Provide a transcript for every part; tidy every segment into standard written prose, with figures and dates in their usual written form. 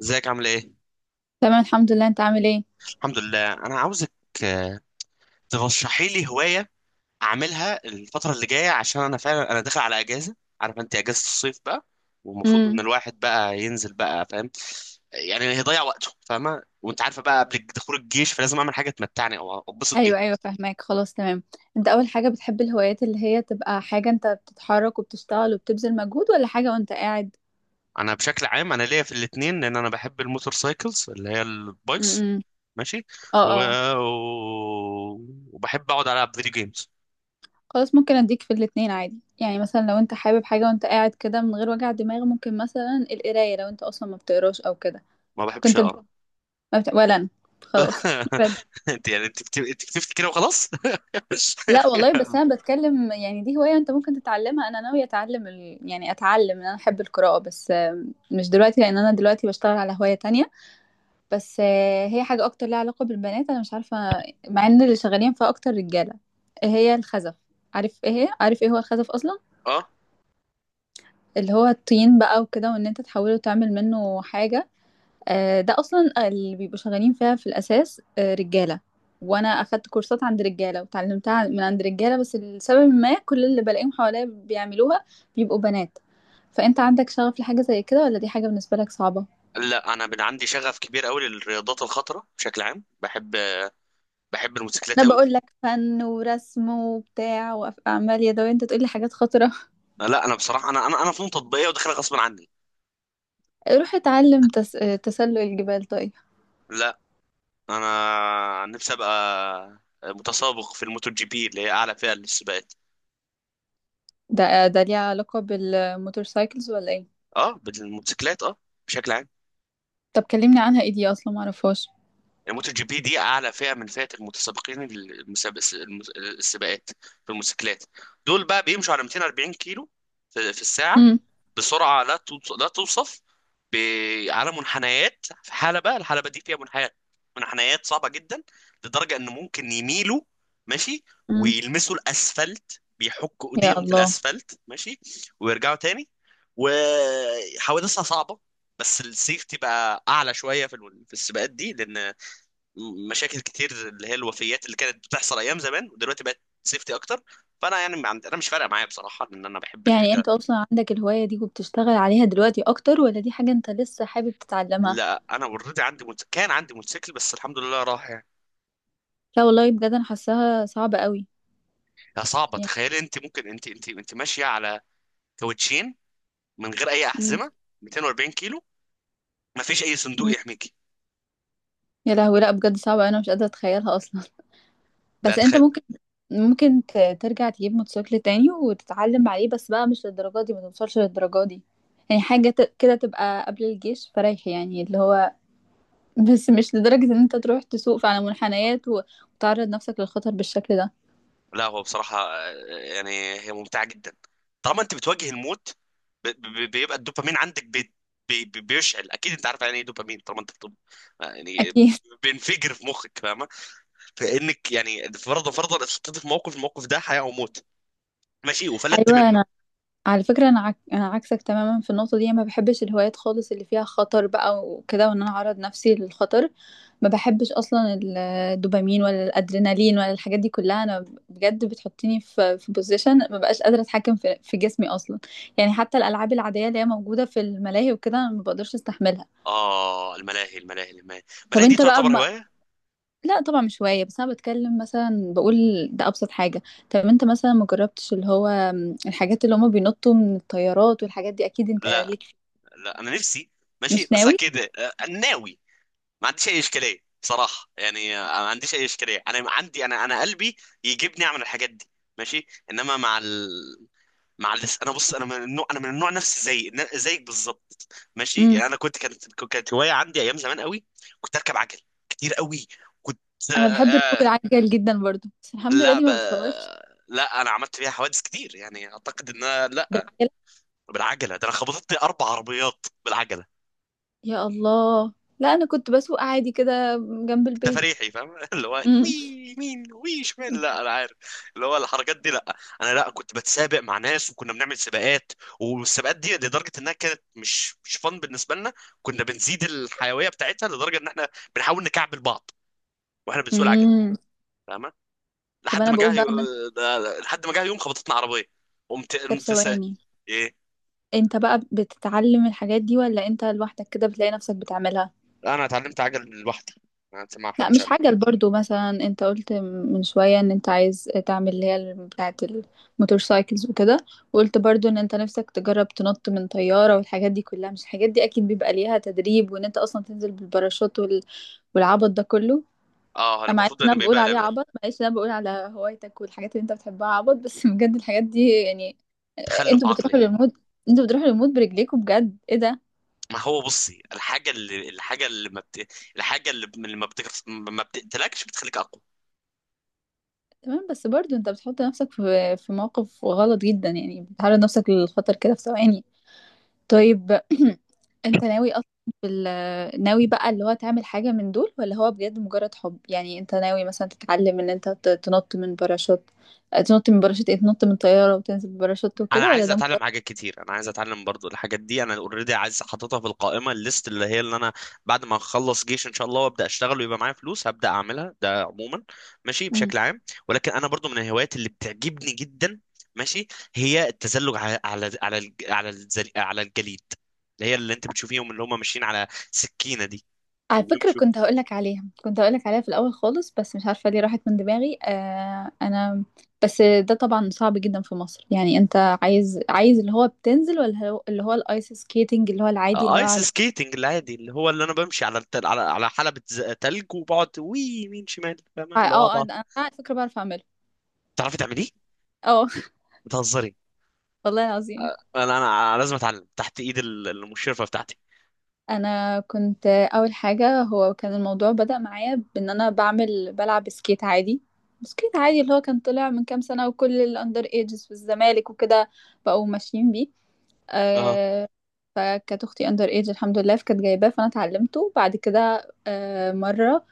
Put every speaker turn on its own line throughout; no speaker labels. ازيك عامل ايه؟
تمام، الحمد لله. انت عامل ايه؟
الحمد لله، انا عاوزك. آه، ترشحي لي هواية اعملها الفترة اللي جاية، عشان انا فعلا داخل على اجازة. عارف انت، اجازة الصيف بقى، والمفروض ان
امم.
الواحد بقى ينزل بقى، فاهم، يعني هيضيع وقته، فاهمة؟ وانت عارفة بقى، قبل دخول الجيش فلازم اعمل حاجة تمتعني او اتبسط
ايوه،
بيها.
ايوه، فاهماك. خلاص، تمام. انت، اول حاجه، بتحب الهوايات اللي هي تبقى حاجه انت بتتحرك وبتشتغل وبتبذل مجهود، ولا حاجه وانت قاعد؟
انا بشكل عام انا ليا في الاتنين، لان انا بحب الموتور سايكلز اللي هي البايكس.
امم.
ماشي.
اه،
و...
اه.
وبحب اقعد العب فيديو جيمز.
خلاص، ممكن اديك في الاتنين عادي. يعني مثلا لو انت حابب حاجه وانت قاعد كده من غير وجع دماغ، ممكن مثلا القرايه، لو انت اصلا ما بتقراش او كده.
ما بحبش
كنت بت...
اقرا.
ما بت... ولا انا. خلاص.
انت يعني انت كتبت كده وخلاص.
لا والله، بس انا بتكلم. يعني دي هواية انت ممكن تتعلمها. انا ناوية يعني اتعلم ان انا احب القراءة، بس مش دلوقتي لان انا دلوقتي بشتغل على هواية تانية. بس هي حاجة اكتر لها علاقة بالبنات. انا مش عارفة. مع ان اللي شغالين فيها اكتر رجالة. إيه هي؟ الخزف. عارف ايه هي؟ عارف ايه هو الخزف اصلا؟
اه.
اللي هو الطين بقى وكده، وان انت تحوله تعمل منه حاجة. ده اصلا اللي بيبقوا شغالين فيها في الاساس، رجاله. وانا اخدت كورسات عند رجاله وتعلمتها من عند رجاله، بس لسبب ما كل اللي بلاقيهم حواليا بيعملوها بيبقوا بنات. فانت عندك شغف لحاجه زي كده، ولا دي حاجه بالنسبه لك صعبه؟
لا، انا من عندي شغف كبير قوي للرياضات الخطره، بشكل عام بحب الموتوسيكلات
انا
قوي.
بقول لك فن ورسم وبتاع واعمال يدويه، انت تقول لي حاجات خطره.
لا، انا بصراحه انا فنون تطبيقيه، وداخلها غصب عني.
روح اتعلم تس... آه، تسلق الجبال. طيب.
لا، انا نفسي ابقى متسابق في الموتو جي بي، اللي هي اعلى فئه للسباقات.
ده ليه علاقه بالموتور سايكلز ولا ايه؟
اه، بالموتوسيكلات، اه، بشكل عام.
طب كلمني عنها، ايه دي اصلا؟ ما اعرفهاش.
الموتو جي بي دي اعلى فئه من فئه المتسابقين، المسابق، السباقات في الموتوسيكلات. دول بقى بيمشوا على 240 كيلو في الساعه.
امم.
بسرعه لا توصف، على منحنيات في حلبه. الحلبه دي فيها منحنيات، منحنيات صعبه جدا، لدرجه ان ممكن يميلوا. ماشي.
امم.
ويلمسوا الاسفلت، بيحكوا
يا
ايديهم في
الله.
الاسفلت. ماشي. ويرجعوا تاني. وحوادثها صعبه. بس السيفتي بقى اعلى شويه في السباقات دي، لان مشاكل كتير، اللي هي الوفيات اللي كانت بتحصل ايام زمان، ودلوقتي بقت سيفتي اكتر. فانا يعني ما عندي- انا مش فارقه معايا بصراحه، لان انا بحب
يعني
الحاجه.
انت اصلا عندك الهواية دي وبتشتغل عليها دلوقتي اكتر، ولا دي حاجة انت لسه حابب تتعلمها؟
لا، انا اوريدي كان عندي موتوسيكل، بس الحمد لله راح يعني.
لا والله بجد، انا حاساها صعبة قوي.
يا صعبه،
يعني.
تخيل انت ممكن انت ماشيه على كاوتشين، من غير اي
مم.
احزمه، 240 كيلو، ما فيش اي صندوق
مم.
يحميكي.
يا لهوي، لا بجد صعبة. انا مش قادرة اتخيلها اصلا.
لا،
بس انت
تخيل.
ممكن ترجع تجيب موتوسيكل تاني وتتعلم عليه، بس بقى مش للدرجة دي، ما توصلش للدرجة دي. يعني حاجة كده تبقى قبل الجيش فريح، يعني اللي هو. بس مش لدرجة ان انت تروح تسوق على منحنيات و- وتعرض نفسك للخطر بالشكل ده.
لا، هو بصراحه يعني هي ممتعه جدا، طالما انت بتواجه الموت. بيبقى الدوبامين عندك، بيشعل، اكيد انت عارف يعني ايه دوبامين، طالما انت يعني
اكيد.
بينفجر في مخك، فاهمه؟ فانك يعني، فرضا فرضا، اتحطيت في موقف، الموقف ده حياه او موت، ماشي، وفلتت منه.
ايوه. على فكرة، أنا عكسك تماما في النقطة دي. ما بحبش الهوايات خالص اللي فيها خطر بقى وكده، وإن أنا أعرض نفسي للخطر. ما بحبش أصلا ال- الدوبامين ولا الأدرينالين ولا الحاجات دي كلها. أنا بجد بتحطيني في بوزيشن، ما بقاش قادرة أتحكم في جسمي أصلا. يعني حتى الألعاب العادية اللي هي موجودة في الملاهي وكده أنا ما بقدرش أستحملها.
آه، الملاهي
طب
الملاهي دي
أنت بقى
تعتبر
ما...
هواية؟
لا طبعا، مش هواية. بس أنا بتكلم، مثلا بقول ده أبسط حاجة. طب أنت مثلا ما جربتش اللي هو الحاجات اللي هما بينطوا من الطيارات والحاجات دي؟ أكيد أنت
لا،
ليك.
لا، أنا نفسي، ماشي،
مش
بس
ناوي؟
أكيد، ناوي. ما عنديش أي إشكالية بصراحة، يعني ما عنديش أي إشكالية. أنا عندي أنا قلبي يجيبني أعمل الحاجات دي. ماشي، إنما أنا بص، أنا من النوع، نفسي زي زيك بالظبط. ماشي
امم.
يعني، أنا كنت كانت كانت هواية عندي أيام زمان قوي. كنت أركب عجل كتير قوي. كنت آه،
انا بحب ركوب
آه،
العجل جدا برضو، بس الحمد لله
لا
دي
ب...
ما بتخوفش.
لا، أنا عملت فيها حوادث كتير، يعني أعتقد لا.
بالعجله؟
بالعجله، ده انا خبطتني اربع عربيات بالعجله.
يا الله. لا، انا كنت بسوق عادي كده، جنب البيت.
تفريحي فاهم، اللي هو وي
امم.
يمين وي شمال، لا انا عارف، اللي هو الحركات دي، لا. انا، لا، كنت بتسابق مع ناس، وكنا بنعمل سباقات. والسباقات دي لدرجه انها كانت مش فن بالنسبه لنا. كنا بنزيد الحيويه بتاعتها لدرجه ان احنا بنحاول نكعبل بعض، واحنا بنسوق العجل،
امم.
فاهمه؟
طب
لحد
انا
ما جه،
بقول بقى ان.
لحد ما جه يوم خبطتنا عربيه. قمت
طب
قمت سا-
ثواني،
ايه؟
انت بقى بتتعلم الحاجات دي، ولا انت لوحدك كده بتلاقي نفسك بتعملها؟
انا اتعلمت عجل لوحدي، ما
لا
حدش
مش
علم.
عجل، برضو مثلا انت قلت من شوية ان انت عايز تعمل اللي هي بتاعة الموتور سايكلز وكده. وقلت برضو ان انت نفسك تجرب تنط من طيارة والحاجات دي كلها. مش الحاجات دي اكيد بيبقى ليها تدريب، وان انت اصلا تنزل بالباراشوت والعبط ده كله.
اه،
انا، معلش
المفروض
إن
ان
انا بقول
بيبقى
عليه عبط، معلش إن انا بقول على هوايتك والحاجات اللي انت بتحبها عبط، بس. بجد الحاجات دي يعني.
تخلف
انتوا
عقلي.
بتروحوا للمود، انتوا بتروحوا للمود برجليكوا، بجد ايه ده؟
ما هو بصي، الحاجة اللي الحاجة اللي ما بت... الحاجة اللي ب- اللي ما, بتك... ما بتقتلكش بتخليك أقوى.
تمام، بس برضو انت بتحط نفسك في موقف غلط جدا، يعني بتعرض نفسك للخطر كده في ثواني. طيب. انت ناوي اصلا ناوي بقى اللي هو تعمل حاجة من دول، ولا هو بجد مجرد حب، يعني انت ناوي مثلا تتعلم ان انت تنط من باراشوت. اه، تنط من باراشوت، ايه؟ تنط من طيارة وتنزل بباراشوت
أنا
وكده، ولا
عايز
ده مجرد.
أتعلم حاجات كتير، أنا عايز أتعلم برضو الحاجات دي. أنا أوريدي عايز أحطها في القائمة الليست، اللي هي اللي أنا بعد ما أخلص جيش إن شاء الله، وأبدأ أشتغل ويبقى معايا فلوس، هبدأ أعملها، ده عموما. ماشي، بشكل عام. ولكن أنا برضو من الهوايات اللي بتعجبني جدا، ماشي، هي التزلج على الجليد. اللي هي اللي أنت بتشوفيهم، اللي هم ماشيين على سكينة دي.
على فكرة، كنت هقولك عليها في الأول خالص، بس مش عارفة ليه راحت من دماغي. أنا. بس ده طبعا صعب جدا في مصر، يعني أنت عايز اللي هو بتنزل، ولا اللي هو الآيس سكيتنج، اللي هو العادي، اللي هو
ايس
على.
سكيتنج العادي، اللي هو اللي انا بمشي على التل... على على حلبة تلج، وبقعد وي يمين شمال، فاهمة؟
اه،
اللي هو
اه.
اقعد
أنا على فكرة بعرف أعمله.
تعرفي تعمليه؟
اه.
بتهزري؟
والله العظيم.
انا لازم اتعلم تحت ايد المشرفة بتاعتي.
أنا كنت أول حاجة، هو كان الموضوع بدأ معايا بإن أنا بلعب سكيت عادي. سكيت عادي اللي هو كان طلع من كام سنة، وكل الأندر ايجز في الزمالك وكده بقوا ماشيين بيه.
اه،
آه، فكانت اختي اندر ايج، الحمد لله، فكانت جايباه، فانا اتعلمته بعد كده، مره.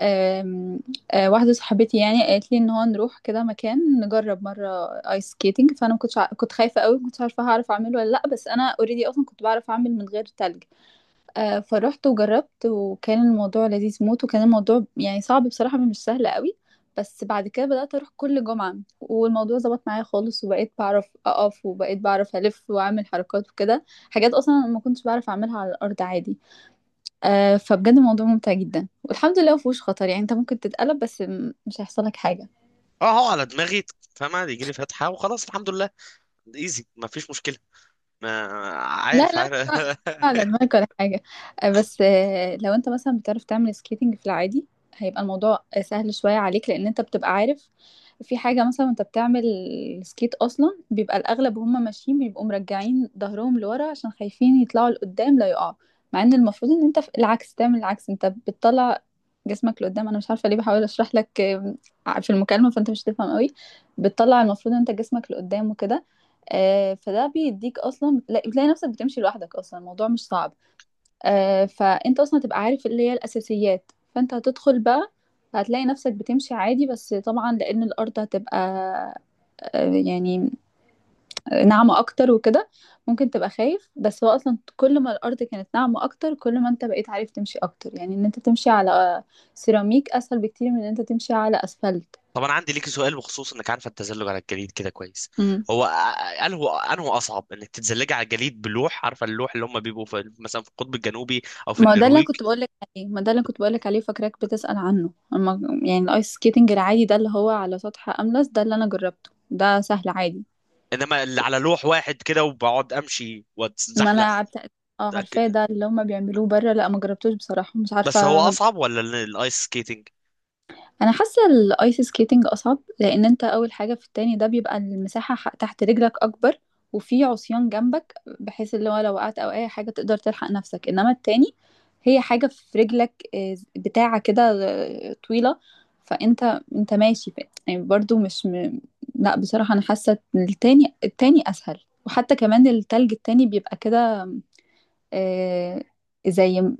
آم، واحده صاحبتي يعني قالت لي ان هو نروح كده مكان، نجرب مره ايس سكيتنج. فانا ما كنتش ع- كنت خايفه قوي، ما كنتش عارفه هعرف اعمله ولا لا، بس انا اوريدي اصلا كنت بعرف اعمل من غير تلج. فروحت وجربت، وكان الموضوع لذيذ موت، وكان الموضوع يعني صعب بصراحة، مش سهل قوي. بس بعد كده بدأت أروح كل جمعة، والموضوع ظبط معايا خالص، وبقيت بعرف أقف وبقيت بعرف ألف وأعمل حركات وكده. حاجات أصلا أنا ما كنتش بعرف أعملها على الأرض عادي. فبجد الموضوع ممتع جدا، والحمد لله مفهوش خطر. يعني أنت ممكن تتقلب، بس مش هيحصل لك حاجة.
اه، هو على دماغي، فاهمة؟ يجي لي فتحة وخلاص، الحمد لله. ايزي، ما فيش مشكلة. ما،
لا،
عارف،
لا،
عارف.
مش على دماغك ولا حاجة. بس لو انت مثلا بتعرف تعمل سكيتنج في العادي، هيبقى الموضوع، سهل شوية عليك، لأن انت بتبقى عارف. في حاجة مثلا انت بتعمل سكيت، أصلا بيبقى الأغلب وهم ماشيين بيبقوا مرجعين ظهرهم لورا عشان خايفين يطلعوا لقدام لا يقعوا. مع ان المفروض ان انت العكس، تعمل العكس. انت بتطلع جسمك لقدام. انا مش عارفة ليه، بحاول اشرح لك في المكالمة، فانت مش هتفهم قوي. بتطلع المفروض ان انت جسمك لقدام وكده. فده بيديك اصلا بتلاقي نفسك بتمشي لوحدك. اصلا الموضوع مش صعب. فانت اصلا تبقى عارف اللي هي الاساسيات، فانت هتدخل بقى، هتلاقي نفسك بتمشي عادي. بس طبعا لان الارض هتبقى، يعني، ناعمه اكتر وكده، ممكن تبقى خايف. بس هو اصلا كل ما الارض كانت ناعمه اكتر، كل ما انت بقيت عارف تمشي اكتر. يعني ان انت تمشي على سيراميك اسهل بكتير من ان انت تمشي على اسفلت.
طب انا عندي ليكي سؤال، بخصوص انك عارفة التزلج على الجليد كده كويس. هو قال هو انه اصعب انك تتزلجي على الجليد بلوح، عارفة اللوح اللي هم بيبقوا في، مثلا، في القطب الجنوبي او في
ما ده اللي
النرويج،
أنا كنت بقولك عليه، ما ده اللي أنا كنت بقولك عليه، فاكراك بتسأل عنه. أما يعني الايس سكيتنج العادي، ده اللي هو على سطح أملس، ده اللي أنا جربته، ده سهل عادي.
انما اللي على لوح واحد كده وبقعد امشي
ما أنا
واتزحلق.
عارفة. اه،
ده ك-
عارفاه. ده اللي هما بيعملوه بره. لا، ما جربتوش بصراحة، مش
بس هو
عارفة.
اصعب ولا الايس سكيتنج؟
انا حاسه الايس سكيتنج اصعب، لان انت اول حاجه في التاني ده بيبقى المساحه تحت رجلك اكبر، وفي عصيان جنبك، بحيث اللي هو لو وقعت او اي حاجه تقدر تلحق نفسك. انما التاني، هي حاجه في رجلك، بتاعه كده، طويله. فانت ماشي، يعني برضو، مش. لا بصراحه، انا حاسه إن التاني اسهل. وحتى كمان التلج التاني بيبقى كده، آه، زي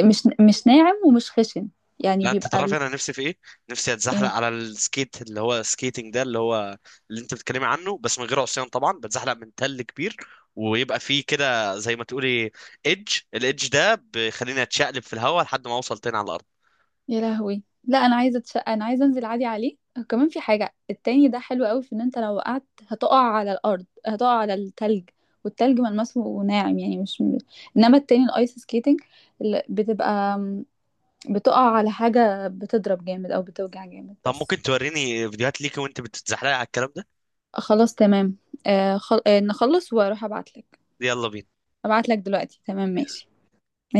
مش ناعم ومش خشن. يعني
لا، انت
بيبقى
تعرف انا نفسي في ايه؟ نفسي اتزحلق
ايه.
على السكيت، اللي هو سكيتنج، ده اللي هو اللي انت بتتكلمي عنه، بس من غير عصيان طبعا، بتزحلق من تل كبير، ويبقى فيه كده زي ما تقولي ايدج. الايدج ده بيخليني اتشقلب في الهواء لحد ما اوصل تاني على الارض.
يا لهوي، لا انا عايزه اتشقى، انا عايزه انزل عادي عليه. كمان في حاجه التاني ده حلو قوي، في ان انت لو وقعت هتقع على الارض، هتقع على التلج. والتلج ملمسه ناعم، يعني مش. انما التاني الايس سكيتنج، اللي بتبقى، بتقع على حاجه، بتضرب جامد او بتوجع جامد
طب
بس.
ممكن توريني فيديوهات ليكي وانت بتتزحلقي على الكلام ده؟
خلاص، تمام. آه خل... آه نخلص واروح ابعتلك.
يلا بينا.
ابعتلك دلوقتي، تمام، ماشي.